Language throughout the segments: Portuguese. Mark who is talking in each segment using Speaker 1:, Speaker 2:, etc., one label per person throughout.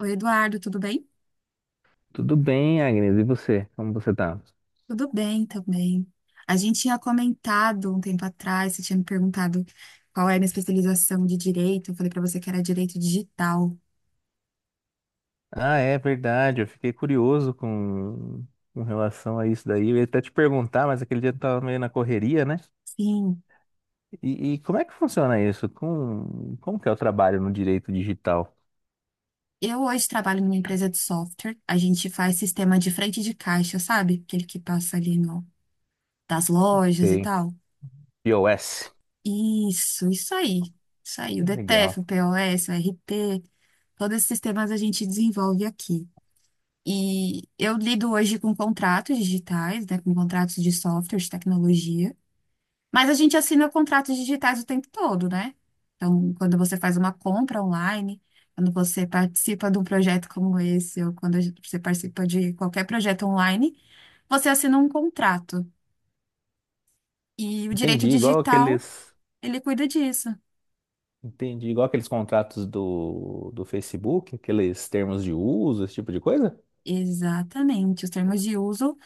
Speaker 1: Oi, Eduardo, tudo bem?
Speaker 2: Tudo bem, Agnes? E você? Como você tá?
Speaker 1: Tudo bem também. A gente tinha comentado um tempo atrás, você tinha me perguntado qual é a minha especialização de direito. Eu falei para você que era direito digital.
Speaker 2: Ah, é verdade. Eu fiquei curioso com relação a isso daí. Eu ia até te perguntar, mas aquele dia eu tava meio na correria, né?
Speaker 1: Sim,
Speaker 2: E como é que funciona isso? Como que é o trabalho no direito digital?
Speaker 1: eu hoje trabalho numa empresa de software. A gente faz sistema de frente de caixa, sabe? Aquele que passa ali no, das lojas e
Speaker 2: Sei.
Speaker 1: tal.
Speaker 2: iOS.
Speaker 1: Isso aí. Isso aí. O DTF,
Speaker 2: Legal.
Speaker 1: o POS, o RP, todos esses sistemas a gente desenvolve aqui. E eu lido hoje com contratos digitais, né, com contratos de software, de tecnologia, mas a gente assina contratos digitais o tempo todo, né? Então, quando você faz uma compra online, quando você participa de um projeto como esse, ou quando você participa de qualquer projeto online, você assina um contrato. E o direito
Speaker 2: Entendi, igual
Speaker 1: digital,
Speaker 2: aqueles,
Speaker 1: ele cuida disso.
Speaker 2: Entendi, igual aqueles contratos do Facebook, aqueles termos de uso, esse tipo de coisa?
Speaker 1: Exatamente, os termos de uso.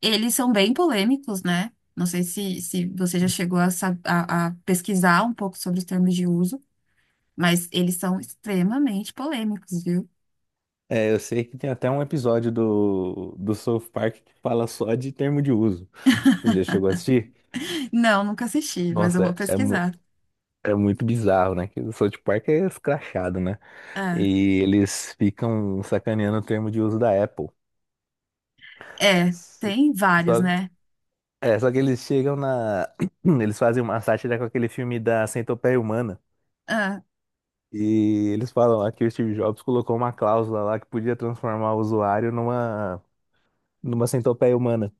Speaker 1: Eles são bem polêmicos, né? Não sei se você já chegou a pesquisar um pouco sobre os termos de uso, mas eles são extremamente polêmicos, viu?
Speaker 2: É, eu sei que tem até um episódio do South Park que fala só de termo de uso. Já chegou a assistir?
Speaker 1: Não, nunca assisti, mas eu
Speaker 2: Nossa,
Speaker 1: vou pesquisar.
Speaker 2: é muito bizarro, né? Que o South Park é escrachado, né?
Speaker 1: Ah,
Speaker 2: E eles ficam sacaneando o termo de uso da Apple.
Speaker 1: é,
Speaker 2: S-
Speaker 1: tem vários,
Speaker 2: Só,
Speaker 1: né?
Speaker 2: só que eles chegam na. Eles fazem uma sátira com aquele filme da Centopeia Humana.
Speaker 1: Ah,
Speaker 2: E eles falam lá que o Steve Jobs colocou uma cláusula lá que podia transformar o usuário numa centopeia humana.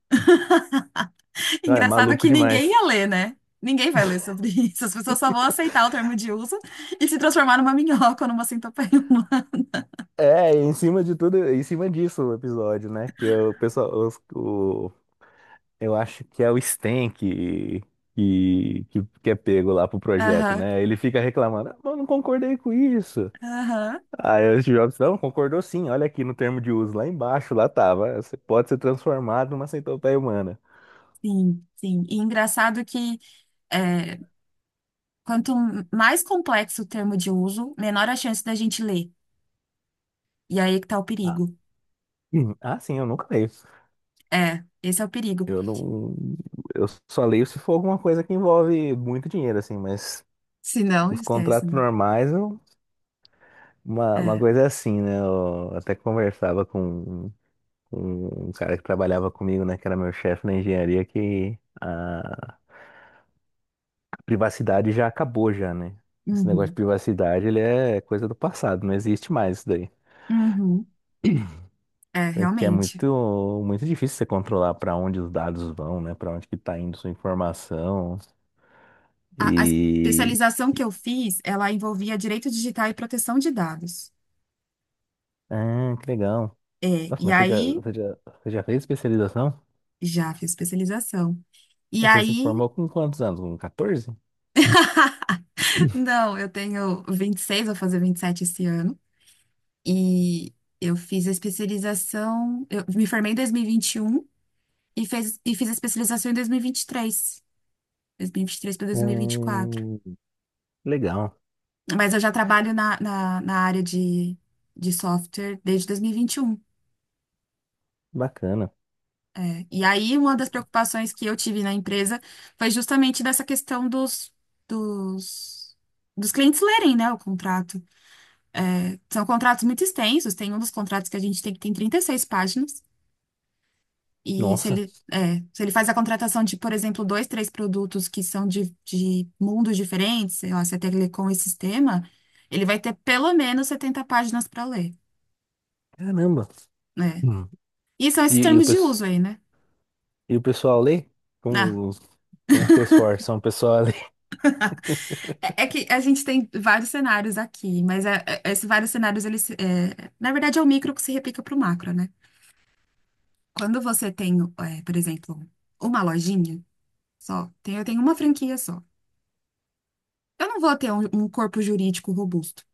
Speaker 2: Ah, é
Speaker 1: engraçado
Speaker 2: maluco
Speaker 1: que ninguém
Speaker 2: demais.
Speaker 1: ia ler, né? Ninguém vai ler sobre isso. As pessoas só vão aceitar o termo de uso e se transformar numa minhoca ou numa centopeia humana.
Speaker 2: É, e em cima de tudo, em cima disso o episódio, né? Que o pessoal, o eu acho que é o Sten que é pego lá pro projeto,
Speaker 1: Aham,
Speaker 2: né? Ele fica reclamando, ah, mas eu não concordei com isso.
Speaker 1: aham.
Speaker 2: Aí o Steve Jobs, não, concordou sim, olha aqui no termo de uso, lá embaixo, lá tava. Você pode ser transformado numa centopeia humana.
Speaker 1: Sim, sim. E engraçado que. é, Quanto mais complexo o termo de uso, menor a chance da gente ler. E aí é que tá o
Speaker 2: Ah,
Speaker 1: perigo.
Speaker 2: sim, eu nunca leio.
Speaker 1: É, esse é o perigo.
Speaker 2: Eu não. Eu só leio se for alguma coisa que envolve muito dinheiro, assim, mas
Speaker 1: Se não,
Speaker 2: os
Speaker 1: esquece,
Speaker 2: contratos
Speaker 1: né?
Speaker 2: normais, uma
Speaker 1: É.
Speaker 2: coisa é assim, né? Eu até conversava com. um cara que trabalhava comigo, né, que era meu chefe na engenharia, que a privacidade já acabou já, né? Esse negócio de
Speaker 1: Uhum.
Speaker 2: privacidade, ele é coisa do passado, não existe mais isso daí.
Speaker 1: Uhum. É,
Speaker 2: Porque é
Speaker 1: realmente.
Speaker 2: muito difícil você controlar para onde os dados vão, né? Para onde que tá indo sua informação.
Speaker 1: A
Speaker 2: E...
Speaker 1: especialização que eu fiz, ela envolvia direito digital e proteção de dados.
Speaker 2: Ah, que legal.
Speaker 1: É,
Speaker 2: Nossa,
Speaker 1: e
Speaker 2: mas
Speaker 1: aí,
Speaker 2: você já fez especialização?
Speaker 1: já fiz especialização. E
Speaker 2: Você se
Speaker 1: aí,
Speaker 2: formou com quantos anos? Com 14?
Speaker 1: não, eu tenho 26, vou fazer 27 esse ano. E eu fiz a especialização, eu me formei em dois mil e vinte e um. E fiz a especialização em 2023, 2023 para 2024.
Speaker 2: Hum, legal,
Speaker 1: Mas eu já trabalho na área de software desde 2021.
Speaker 2: bacana.
Speaker 1: É. E aí, uma das preocupações que eu tive na empresa foi justamente dessa questão dos, dos clientes lerem, né, o contrato. É, são contratos muito extensos, tem um dos contratos que a gente tem que tem 36 páginas. E se
Speaker 2: Nossa.
Speaker 1: ele, se ele faz a contratação de, por exemplo, dois, três produtos que são de mundos diferentes, sei lá, se é telecom e sistema, ele vai ter pelo menos 70 páginas para ler,
Speaker 2: Caramba.
Speaker 1: né?
Speaker 2: Hum.
Speaker 1: E são
Speaker 2: E,
Speaker 1: esses
Speaker 2: e o,
Speaker 1: termos de uso
Speaker 2: pes-
Speaker 1: aí, né?
Speaker 2: e o pessoal lê?
Speaker 1: Ah,
Speaker 2: Como, como vocês forçam o pessoal a ler?
Speaker 1: é, é que a gente tem vários cenários aqui, mas esses vários cenários, eles, na verdade, é o micro que se replica para o macro, né? Quando você tem, por exemplo, uma lojinha só, eu tenho uma franquia só. Eu não vou ter um corpo jurídico robusto.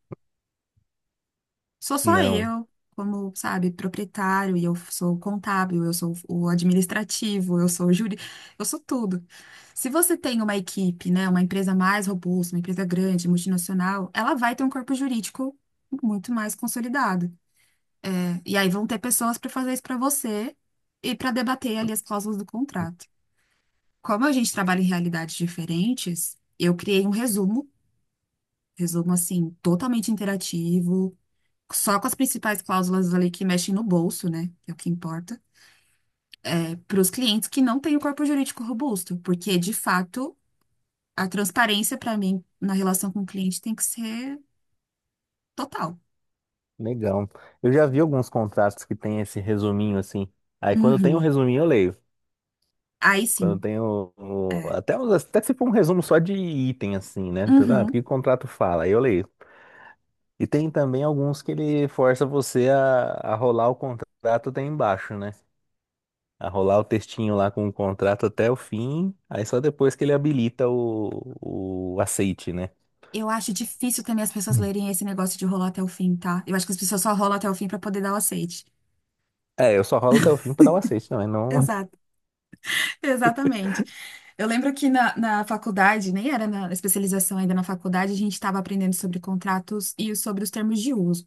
Speaker 1: Sou só
Speaker 2: Não.
Speaker 1: eu, como, sabe, proprietário, e eu sou o contábil, eu sou o administrativo, eu sou o júri, eu sou tudo. Se você tem uma equipe, né, uma empresa mais robusta, uma empresa grande, multinacional, ela vai ter um corpo jurídico muito mais consolidado. É, e aí vão ter pessoas para fazer isso para você e para debater ali as cláusulas do contrato. Como a gente trabalha em realidades diferentes, eu criei um resumo, resumo assim, totalmente interativo só com as principais cláusulas ali que mexem no bolso, né? Que é o que importa. É para os clientes que não têm o corpo jurídico robusto, porque de fato a transparência para mim na relação com o cliente tem que ser total.
Speaker 2: Legal. Eu já vi alguns contratos que tem esse resuminho assim. Aí quando tem o
Speaker 1: Uhum.
Speaker 2: resuminho eu leio.
Speaker 1: Aí
Speaker 2: Quando
Speaker 1: sim.
Speaker 2: tem
Speaker 1: É.
Speaker 2: até, até se for um resumo só de item assim, né? Tudo, ah, o que
Speaker 1: Uhum.
Speaker 2: o contrato fala? Aí eu leio. E tem também alguns que ele força você a rolar o contrato até embaixo, né? A rolar o textinho lá com o contrato até o fim, aí só depois que ele habilita o aceite, né?
Speaker 1: Eu acho difícil também as pessoas
Speaker 2: Hum.
Speaker 1: lerem esse negócio de rolar até o fim, tá? Eu acho que as pessoas só rolam até o fim para poder dar o aceite.
Speaker 2: É, eu só rolo até o fim pra dar o aceite, não, é não
Speaker 1: Exato. Exatamente. Eu lembro que na faculdade, nem era na especialização ainda na faculdade, a gente estava aprendendo sobre contratos e sobre os termos de uso.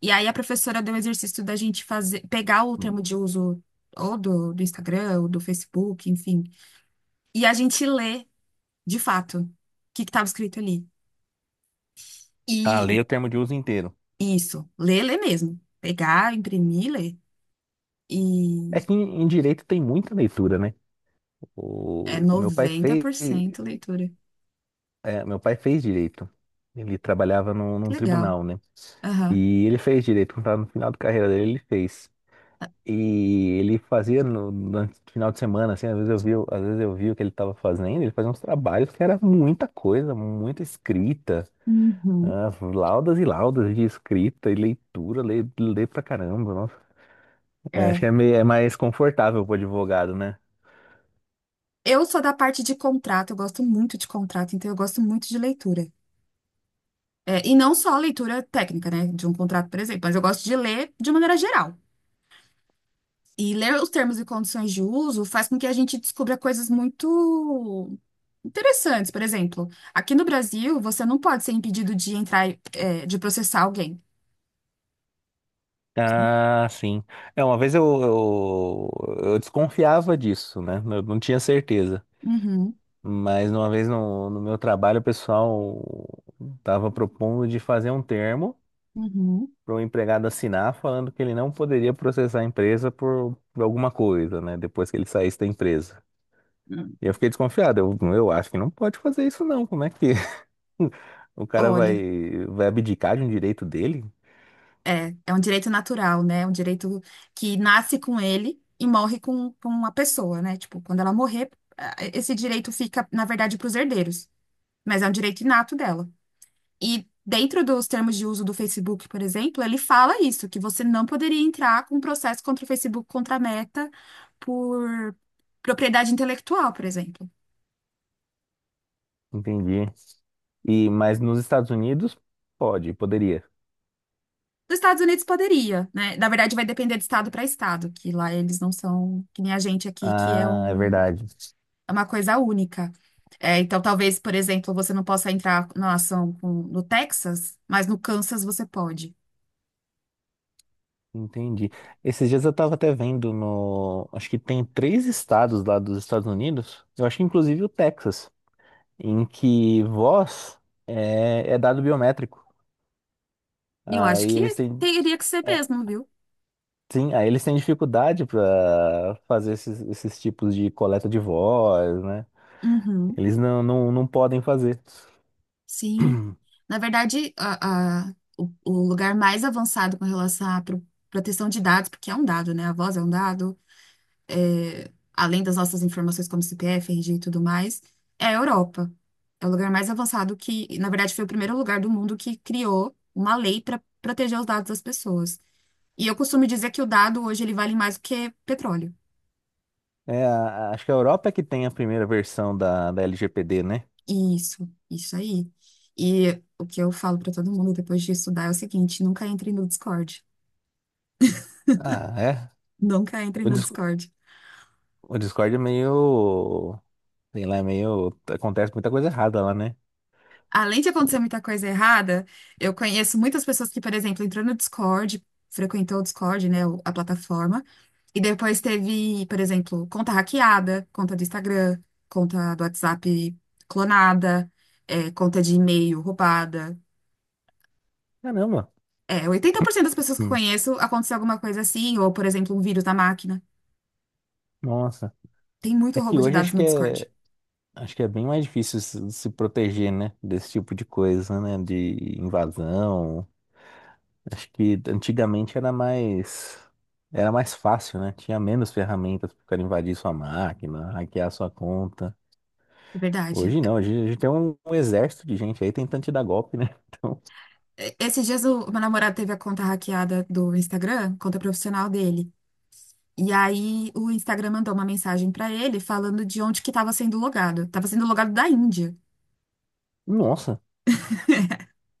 Speaker 1: E aí a professora deu o exercício da gente fazer, pegar o termo de uso ou do Instagram, ou do Facebook, enfim, e a gente lê de fato o que estava escrito ali.
Speaker 2: a
Speaker 1: E
Speaker 2: ler o termo de uso inteiro.
Speaker 1: isso, ler, ler mesmo. Pegar, imprimir, ler. E
Speaker 2: É que em direito tem muita leitura, né?
Speaker 1: é
Speaker 2: O meu pai
Speaker 1: noventa
Speaker 2: fez,
Speaker 1: por cento leitura.
Speaker 2: meu pai fez direito. Ele trabalhava num
Speaker 1: Que legal.
Speaker 2: tribunal, né?
Speaker 1: Aham.
Speaker 2: E ele fez direito, quando tava no final da carreira dele, ele fez. E ele fazia no final de semana, assim, às vezes eu vi o que ele estava fazendo, ele fazia uns trabalhos que era muita coisa, muita escrita,
Speaker 1: Uhum.
Speaker 2: ah, laudas e laudas de escrita e leitura, lê, lê pra caramba, nossa. É, acho
Speaker 1: É.
Speaker 2: que é, meio, é mais confortável pro advogado, né?
Speaker 1: Eu sou da parte de contrato, eu gosto muito de contrato, então eu gosto muito de leitura. É, e não só a leitura técnica, né, de um contrato, por exemplo, mas eu gosto de ler de maneira geral. E ler os termos e condições de uso faz com que a gente descubra coisas muito interessantes. Por exemplo, aqui no Brasil, você não pode ser impedido de entrar, de processar alguém. Você não-
Speaker 2: Ah, sim. É, uma vez eu desconfiava disso, né? Eu não tinha certeza.
Speaker 1: Uhum,
Speaker 2: Mas uma vez no meu trabalho, o pessoal estava propondo de fazer um termo
Speaker 1: uhum.
Speaker 2: para o empregado assinar falando que ele não poderia processar a empresa por alguma coisa, né? Depois que ele saísse da empresa. E
Speaker 1: Hum.
Speaker 2: eu fiquei desconfiado. Eu acho que não pode fazer isso não. Como é que o
Speaker 1: Olha,
Speaker 2: vai abdicar de um direito dele?
Speaker 1: é um direito natural, né? É um direito que nasce com ele e morre com uma pessoa, né? Tipo, quando ela morrer, esse direito fica, na verdade, para os herdeiros, mas é um direito inato dela. E dentro dos termos de uso do Facebook, por exemplo, ele fala isso, que você não poderia entrar com um processo contra o Facebook, contra a Meta, por propriedade intelectual, por exemplo.
Speaker 2: Entendi. E mas nos Estados Unidos poderia.
Speaker 1: Nos Estados Unidos poderia, né? Na verdade, vai depender de estado para estado, que lá eles não são que nem a gente aqui, que é
Speaker 2: Ah, é
Speaker 1: um,
Speaker 2: verdade.
Speaker 1: é uma coisa única. É, então, talvez, por exemplo, você não possa entrar na ação no Texas, mas no Kansas você pode.
Speaker 2: Entendi. Esses dias eu estava até vendo no, acho que tem três estados lá dos Estados Unidos. Eu acho que inclusive o Texas, em que voz é dado biométrico.
Speaker 1: E eu acho
Speaker 2: Aí eles
Speaker 1: que
Speaker 2: têm,
Speaker 1: teria que ser
Speaker 2: é,
Speaker 1: mesmo, viu?
Speaker 2: sim, aí eles têm dificuldade para fazer esses tipos de coleta de voz, né?
Speaker 1: Uhum.
Speaker 2: Eles não podem fazer.
Speaker 1: Sim. Na verdade, o lugar mais avançado com relação à proteção de dados, porque é um dado, né? A voz é um dado, além das nossas informações como CPF, RG e tudo mais, é a Europa. É o lugar mais avançado que, na verdade, foi o primeiro lugar do mundo que criou uma lei para proteger os dados das pessoas. E eu costumo dizer que o dado hoje ele vale mais do que petróleo.
Speaker 2: É, a- acho que a Europa é que tem a primeira versão da LGPD, né?
Speaker 1: Isso aí. E o que eu falo para todo mundo depois de estudar é o seguinte: nunca entre no Discord.
Speaker 2: Ah, é.
Speaker 1: Nunca entre
Speaker 2: O,
Speaker 1: no
Speaker 2: Dis-
Speaker 1: Discord.
Speaker 2: o Discord é meio. Sei lá, é meio. Acontece muita coisa errada lá, né?
Speaker 1: Além de acontecer
Speaker 2: Eu-
Speaker 1: muita coisa errada, eu conheço muitas pessoas que, por exemplo, entrou no Discord, frequentou o Discord, né, a plataforma, e depois teve, por exemplo, conta hackeada, conta do Instagram, conta do WhatsApp clonada, conta de e-mail roubada.
Speaker 2: Caramba.
Speaker 1: É, 80% das pessoas que eu
Speaker 2: Hum.
Speaker 1: conheço aconteceu alguma coisa assim, ou, por exemplo, um vírus na máquina.
Speaker 2: Nossa.
Speaker 1: Tem muito
Speaker 2: É que
Speaker 1: roubo de
Speaker 2: hoje
Speaker 1: dados no Discord.
Speaker 2: acho que é bem mais difícil se proteger, né? Desse tipo de coisa, né? De invasão. Acho que era mais fácil, né? Tinha menos ferramentas para invadir sua máquina, hackear sua conta.
Speaker 1: Verdade.
Speaker 2: Hoje não, hoje a gente tem um exército de gente aí tentando te dar golpe, né? Então,
Speaker 1: Esses dias o meu namorado teve a conta hackeada do Instagram, conta profissional dele. E aí o Instagram mandou uma mensagem pra ele falando de onde que estava sendo logado. Tava sendo logado da Índia.
Speaker 2: nossa.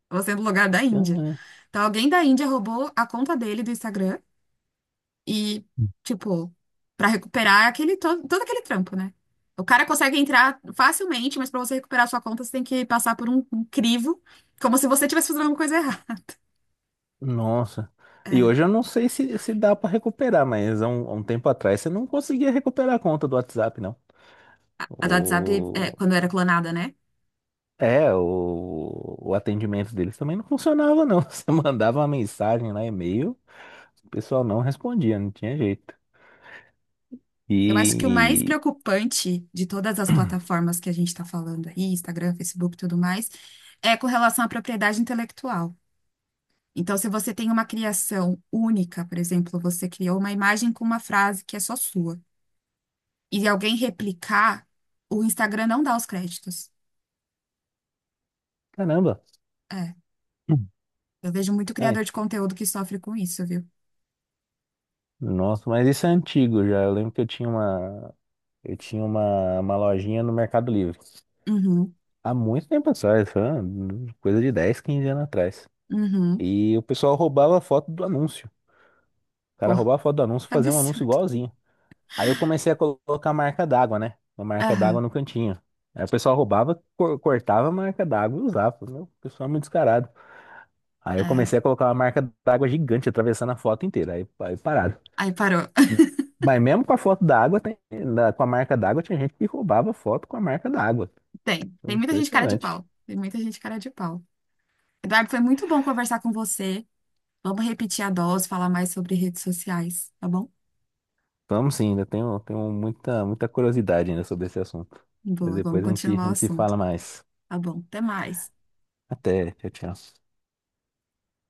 Speaker 1: Tava sendo logado da Índia.
Speaker 2: Ah,
Speaker 1: Então alguém da Índia roubou a conta dele do Instagram. E, tipo, pra recuperar todo aquele trampo, né? O cara consegue entrar facilmente, mas pra você recuperar a sua conta, você tem que passar por um crivo, como se você estivesse fazendo alguma coisa errada.
Speaker 2: nossa. E
Speaker 1: É,
Speaker 2: hoje eu não sei se, se dá para recuperar, mas há um tempo atrás você não conseguia recuperar a conta do WhatsApp, não.
Speaker 1: a do WhatsApp,
Speaker 2: O...
Speaker 1: quando era clonada, né?
Speaker 2: É, o atendimento deles também não funcionava, não. Você mandava uma mensagem lá, e-mail, o pessoal não respondia, não tinha jeito. E.
Speaker 1: Eu acho que o mais
Speaker 2: e-
Speaker 1: preocupante de todas as plataformas que a gente está falando aí, Instagram, Facebook e tudo mais, é com relação à propriedade intelectual. Então, se você tem uma criação única, por exemplo, você criou uma imagem com uma frase que é só sua, e alguém replicar, o Instagram não dá os créditos.
Speaker 2: Caramba!
Speaker 1: É,
Speaker 2: Hum.
Speaker 1: eu vejo muito
Speaker 2: Ai,
Speaker 1: criador de conteúdo que sofre com isso, viu?
Speaker 2: nossa, mas isso é antigo já. Eu lembro que eu tinha uma. Eu tinha uma lojinha no Mercado Livre.
Speaker 1: Uhum,
Speaker 2: Há muito tempo atrás, foi uma coisa de 10 15 anos atrás.
Speaker 1: uhum.
Speaker 2: E o pessoal roubava a foto do anúncio. O cara
Speaker 1: Pô,
Speaker 2: roubava a foto do anúncio e
Speaker 1: que
Speaker 2: fazia um anúncio
Speaker 1: absurdo.
Speaker 2: igualzinho. Aí eu comecei a colocar marca d'água, né? Uma marca d'água
Speaker 1: Aham,
Speaker 2: no cantinho. Aí o pessoal roubava, cortava a marca d'água e usava. Falei, meu, o pessoal é muito descarado. Aí eu
Speaker 1: é.
Speaker 2: comecei a colocar uma marca d'água gigante, atravessando a foto inteira. Aí parado.
Speaker 1: Aí parou.
Speaker 2: Mas mesmo com a foto d'água, tem- da- com a marca d'água, tinha gente que roubava foto com a marca d'água.
Speaker 1: Tem muita gente cara de
Speaker 2: Impressionante.
Speaker 1: pau. Tem muita gente cara de pau. Eduardo, foi muito bom conversar com você. Vamos repetir a dose, falar mais sobre redes sociais, tá bom?
Speaker 2: Vamos sim, ainda tenho, muita curiosidade ainda sobre esse assunto. Mas
Speaker 1: Boa, vamos
Speaker 2: depois a
Speaker 1: continuar o
Speaker 2: gente se
Speaker 1: assunto.
Speaker 2: fala mais.
Speaker 1: Tá bom, até mais.
Speaker 2: Até, tchau, tchau.